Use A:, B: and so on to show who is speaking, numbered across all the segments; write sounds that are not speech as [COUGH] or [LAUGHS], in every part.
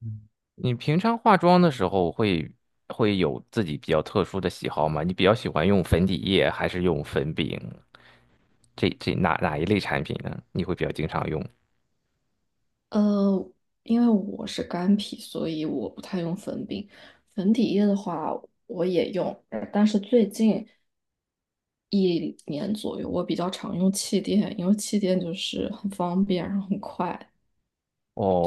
A: 嗯，你平常化妆的时候会有自己比较特殊的喜好吗？你比较喜欢用粉底液还是用粉饼？这这哪哪一类产品呢？你会比较经常用？
B: 呃，因为我是干皮，所以我不太用粉饼。粉底液的话，我也用，但是最近一年左右，我比较常用气垫，因为气垫就是很方便，然后很快，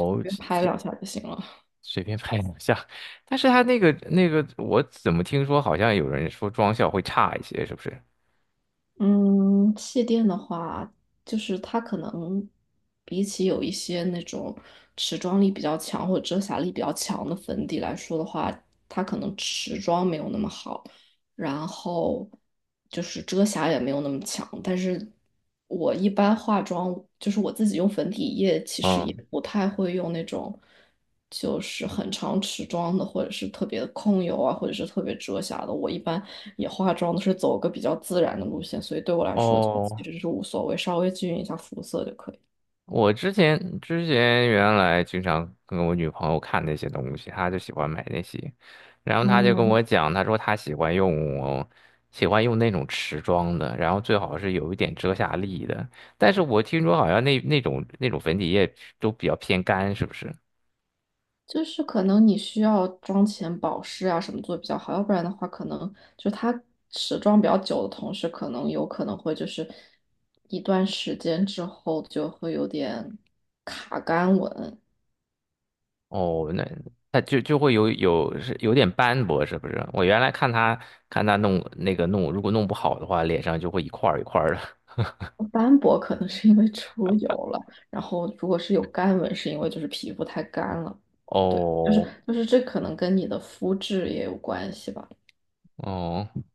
B: 随便拍
A: 这
B: 两下就行了。
A: 随便拍两下，[LAUGHS] 但是它那个，我怎么听说好像有人说妆效会差一些，是不是？
B: 嗯，气垫的话，就是它可能比起有一些那种持妆力比较强或者遮瑕力比较强的粉底来说的话，它可能持妆没有那么好。然后就是遮瑕也没有那么强。但是我一般化妆，就是我自己用粉底液，其实也
A: 嗯。
B: 不太会用那种就是很长持妆的，或者是特别控油啊，或者是特别遮瑕的。我一般也化妆都是走个比较自然的路线，所以对我来说就其
A: 哦，
B: 实是无所谓，稍微均匀一下肤色就可以。
A: 我之前原来经常跟我女朋友看那些东西，她就喜欢买那些，然后她就跟
B: 哦，
A: 我讲，她说她喜欢用喜欢用那种持妆的，然后最好是有一点遮瑕力的。但是我听说好像那种粉底液都比较偏干，是不是？
B: 就是可能你需要妆前保湿啊什么做得比较好，要不然的话，可能就它持妆比较久的同时，可能有可能会就是一段时间之后就会有点卡干纹。
A: 哦，那它就会有点斑驳，是不是？我原来看她看她弄那个弄，如果弄不好的话，脸上就会一块儿一块儿的。
B: 斑驳可能是因为出油了，然后如果是有干纹，是因为就是皮肤太干了。
A: [LAUGHS]
B: 对，就是
A: 哦
B: 这可能跟你的肤质也有关系吧。
A: 哦。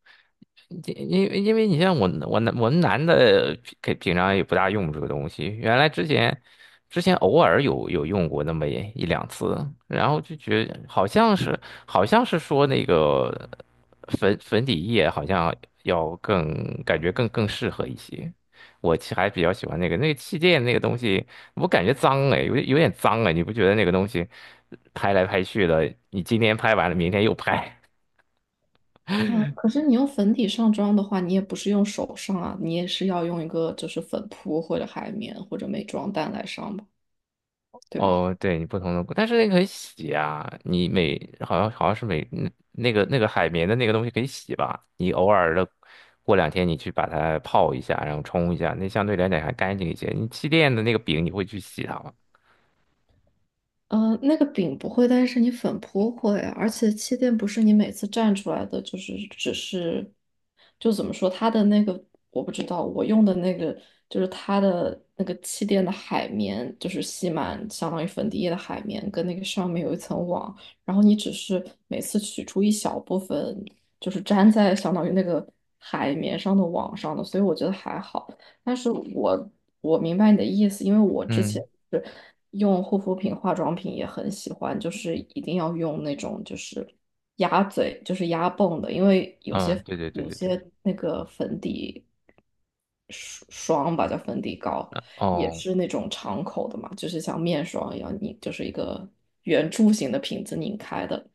A: 因为你像我我们男的平常也不大用这个东西，原来之前偶尔有用过那么一两次，然后就觉得好像是好像是说那个粉底液好像要更感觉更适合一些，我其实还比较喜欢那个气垫那个东西，我感觉脏哎，有点脏哎，你不觉得那个东西拍来拍去的，你今天拍完了，明天又拍。
B: 啊，可是你用粉底上妆的话，你也不是用手上啊，你也是要用一个就是粉扑或者海绵或者美妆蛋来上吧，对吧？
A: 哦，对你不同的，但是那个可以洗啊，你每好像是每那个海绵的那个东西可以洗吧，你偶尔的过两天你去把它泡一下，然后冲一下，那相对来讲还干净一些。你气垫的那个饼你会去洗它吗？
B: 呃，那个饼不会，但是你粉扑会，而且气垫不是你每次蘸出来的，就是只是，就怎么说，它的那个我不知道，我用的那个就是它的那个气垫的海绵，就是吸满相当于粉底液的海绵，跟那个上面有一层网，然后你只是每次取出一小部分，就是粘在相当于那个海绵上的网上的，所以我觉得还好。但是我明白你的意思，因为我之前
A: 嗯。
B: 是用护肤品、化妆品也很喜欢，就是一定要用那种就是压嘴，就是压泵的，因为有
A: 嗯，
B: 些
A: 对对对
B: 有
A: 对对，
B: 些那个粉底霜霜吧，叫粉底膏，也
A: 哦
B: 是那种敞口的嘛，就是像面霜一样，你就是一个圆柱形的瓶子拧开的，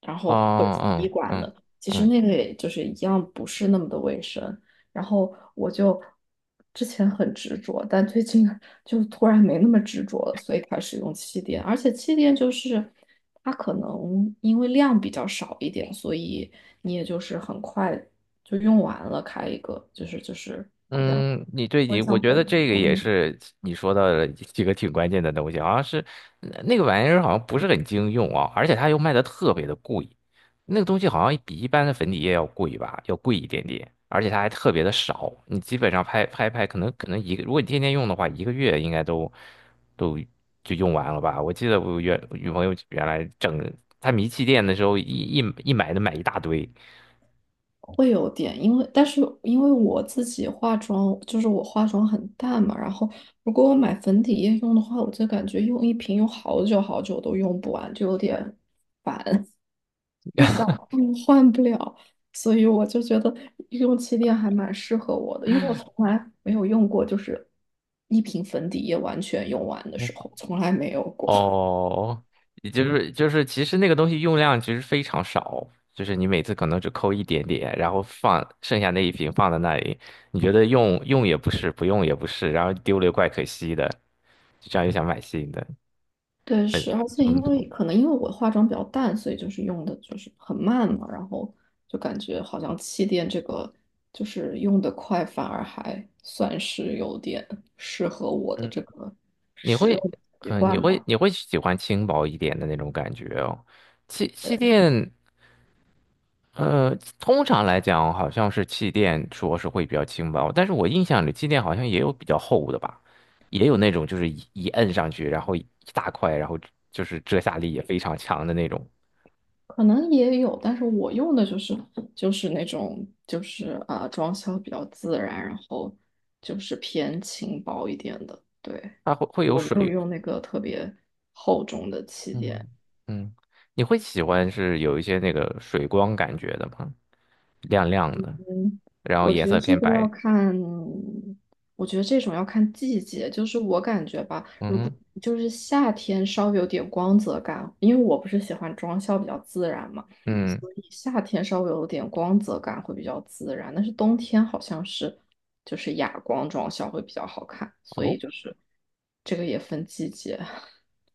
B: 然后或者
A: 哦
B: 是滴
A: 嗯
B: 管
A: 嗯
B: 的，其实
A: 嗯。
B: 那个也就是一样，不是那么的卫生。然后我就之前很执着，但最近就突然没那么执着了，所以开始用气垫。而且气垫就是它可能因为量比较少一点，所以你也就是很快就用完了，开一个就是好像
A: 嗯，你
B: 不
A: 对你，
B: 会
A: 我
B: 像
A: 觉得
B: 粉底
A: 这个
B: 那
A: 也
B: 么
A: 是你说到的几个挺关键的东西，好像是呃那个玩意儿好像不是很经用啊，而且它又卖的特别的贵，那个东西好像比一般的粉底液要贵吧，要贵一点点，而且它还特别的少，你基本上拍拍拍，可能一个，如果你天天用的话，一个月应该都就用完了吧。我记得我原女朋友原来整她迷气垫的时候，一买都买一大堆。
B: 会有点，因为但是因为我自己化妆，就是我化妆很淡嘛，然后如果我买粉底液用的话，我就感觉用一瓶用好久好久都用不完，就有点是想换换不了，所以我就觉得用气垫还蛮适合我的，因为我从来没有用过，就是一瓶粉底液完全用完的时候，从来没有过。[LAUGHS]
A: 哦，也就是就是，其实那个东西用量其实非常少，就是你每次可能只抠一点点，然后放剩下那一瓶放在那里，你觉得用用也不是，不用也不是，然后丢了又怪可惜的，就这样又想买新的，
B: 对，是，而且
A: 冲
B: 因
A: 突。
B: 为可能因为我化妆比较淡，所以就是用的就是很慢嘛，然后就感觉好像气垫这个就是用的快，反而还算是有点适合我的这
A: 嗯，
B: 个
A: 你
B: 使
A: 会，
B: 用习
A: 嗯、你
B: 惯
A: 会
B: 吧。
A: 你会喜欢轻薄一点的那种感觉哦。气垫。呃，通常来讲，好像是气垫说是会比较轻薄，但是我印象里气垫好像也有比较厚的吧，也有那种就是一摁上去，然后一大块，然后就是遮瑕力也非常强的那种，
B: 可能也有，但是我用的就是那种就是装修比较自然，然后就是偏轻薄一点的。对，
A: 它会有
B: 我没有
A: 水，
B: 用那个特别厚重的气垫，
A: 嗯嗯，你会喜欢是有一些那个水光感觉的吗？亮亮的，
B: 嗯，
A: 然后
B: 我
A: 颜
B: 觉得
A: 色
B: 这
A: 偏
B: 个要
A: 白，
B: 看，我觉得这种要看季节。就是我感觉吧，
A: 嗯
B: 如果
A: 哼
B: 就是夏天稍微有点光泽感，因为我不是喜欢妆效比较自然嘛，
A: 嗯。
B: 所以夏天稍微有点光泽感会比较自然。但是冬天好像是就是哑光妆效会比较好看，所
A: 哦
B: 以就是这个也分季节，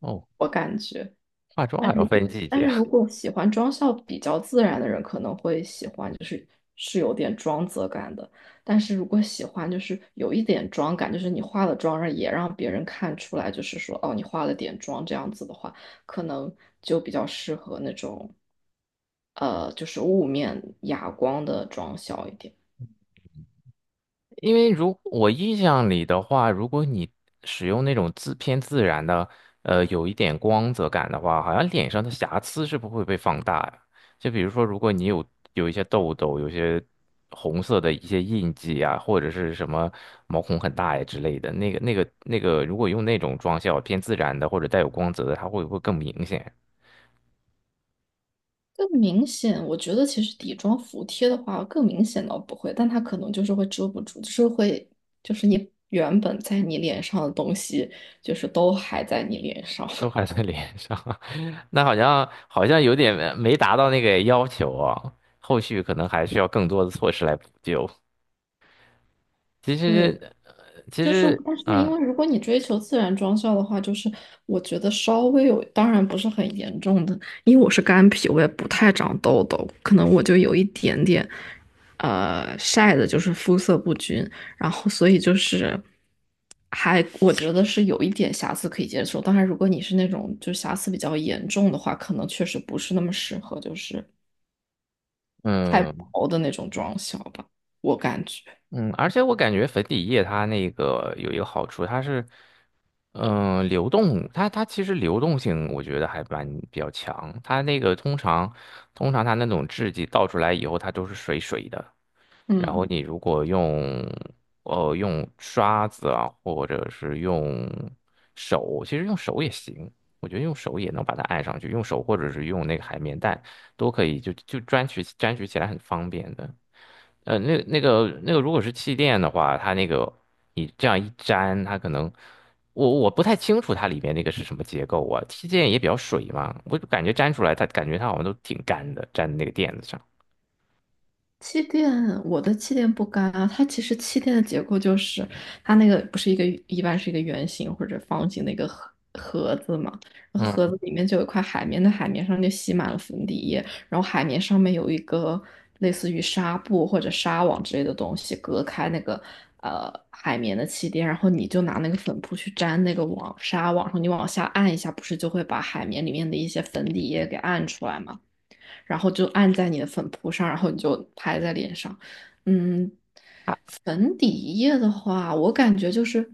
A: 哦，
B: 我感觉。
A: 化妆
B: 但
A: 还
B: 是
A: 要
B: 如果
A: 分季
B: 但
A: 节。
B: 是如果喜欢妆效比较自然的人，可能会喜欢，就是是有点妆泽感的。但是如果喜欢就是有一点妆感，就是你化了妆，让也让别人看出来，就是说哦，你化了点妆这样子的话，可能就比较适合那种就是雾面哑光的妆效一点。
A: 因为如我印象里的话，如果你使用那种自偏自然的，呃，有一点光泽感的话，好像脸上的瑕疵是不会被放大呀。就比如说，如果你有有一些痘痘，有些红色的一些印记啊，或者是什么毛孔很大呀之类的，那个，如果用那种妆效偏自然的或者带有光泽的，它会不会更明显？
B: 更明显，我觉得其实底妆服帖的话，更明显倒不会，但它可能就是会遮不住，就是会，就是你原本在你脸上的东西，就是都还在你脸上。
A: 都还
B: [LAUGHS]
A: 在脸上，[LAUGHS] 那好像有点没达到那个要求啊，后续可能还需要更多的措施来补救。其
B: 对，
A: 实，呃其
B: 就是，
A: 实，
B: 但是因
A: 嗯
B: 为如果你追求自然妆效的话，就是我觉得稍微有，当然不是很严重的，因为我是干皮，我也不太长痘痘，可能我就有一点点，晒的就是肤色不均，然后所以就是还我觉得是有一点瑕疵可以接受，当然如果你是那种就瑕疵比较严重的话，可能确实不是那么适合，就是太
A: 嗯
B: 薄的那种妆效吧，我感觉，
A: 嗯，而且我感觉粉底液它那个有一个好处，它是嗯、呃流动，它其实流动性我觉得还蛮比较强，它那个通常它那种质地倒出来以后，它都是水水的。然后
B: 嗯。
A: 你如果用呃用刷子啊，或者是用手，其实用手也行，我觉得用手也能把它按上去，用手或者是用那个海绵蛋都可以，就粘取起来很方便的。呃，那那个如果是气垫的话，它那个你这样一粘，它可能我不太清楚它里面那个是什么结构啊，气垫也比较水嘛，我就感觉粘出来它感觉它好像都挺干的，粘在那个垫子上。
B: 气垫，我的气垫不干啊。它其实气垫的结构就是，它那个不是一个一般是一个圆形或者方形的一个盒盒子嘛，然后盒
A: 嗯。
B: 子里面就有一块海绵，那海绵上就吸满了粉底液，然后海绵上面有一个类似于纱布或者纱网之类的东西隔开那个海绵的气垫，然后你就拿那个粉扑去粘那个网纱网上，你往下按一下，不是就会把海绵里面的一些粉底液给按出来嘛？然后就按在你的粉扑上，然后你就拍在脸上。嗯，
A: 啊。
B: 粉底液的话，我感觉就是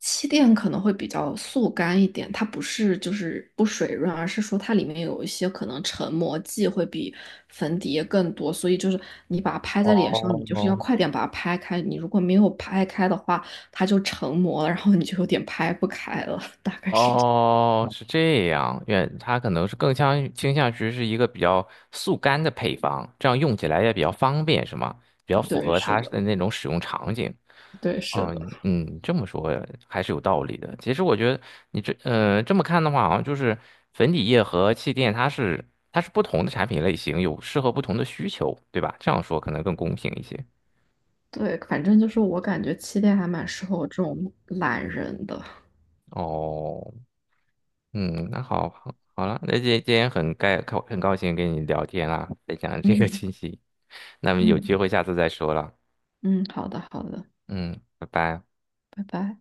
B: 气垫可能会比较速干一点，它不是就是不水润，而是说它里面有一些可能成膜剂会比粉底液更多，所以就是你把它拍在脸上，你就是要
A: 哦，
B: 快点把它拍开，你如果没有拍开的话，它就成膜了，然后你就有点拍不开了，大概是这样
A: 哦，是这样，愿它可能是更相倾向于是一个比较速干的配方，这样用起来也比较方便，是吗？比较符
B: 对，
A: 合
B: 是
A: 它
B: 的，
A: 的那种使用场景。
B: 对，是
A: 嗯
B: 的。
A: 嗯，这么说还是有道理的。其实我觉得你这呃这么看的话，好像就是粉底液和气垫，它是不同的产品类型，有适合不同的需求，对吧？这样说可能更公平一些。
B: 对，反正就是我感觉气垫还蛮适合我这种懒人的。
A: 哦。嗯，那好了，那今天很很高兴跟你聊天啦，分享这个
B: 嗯
A: 信息，那么有
B: 嗯
A: 机会下次再说了，
B: 嗯，好的好的，
A: 嗯，拜拜。
B: 拜拜。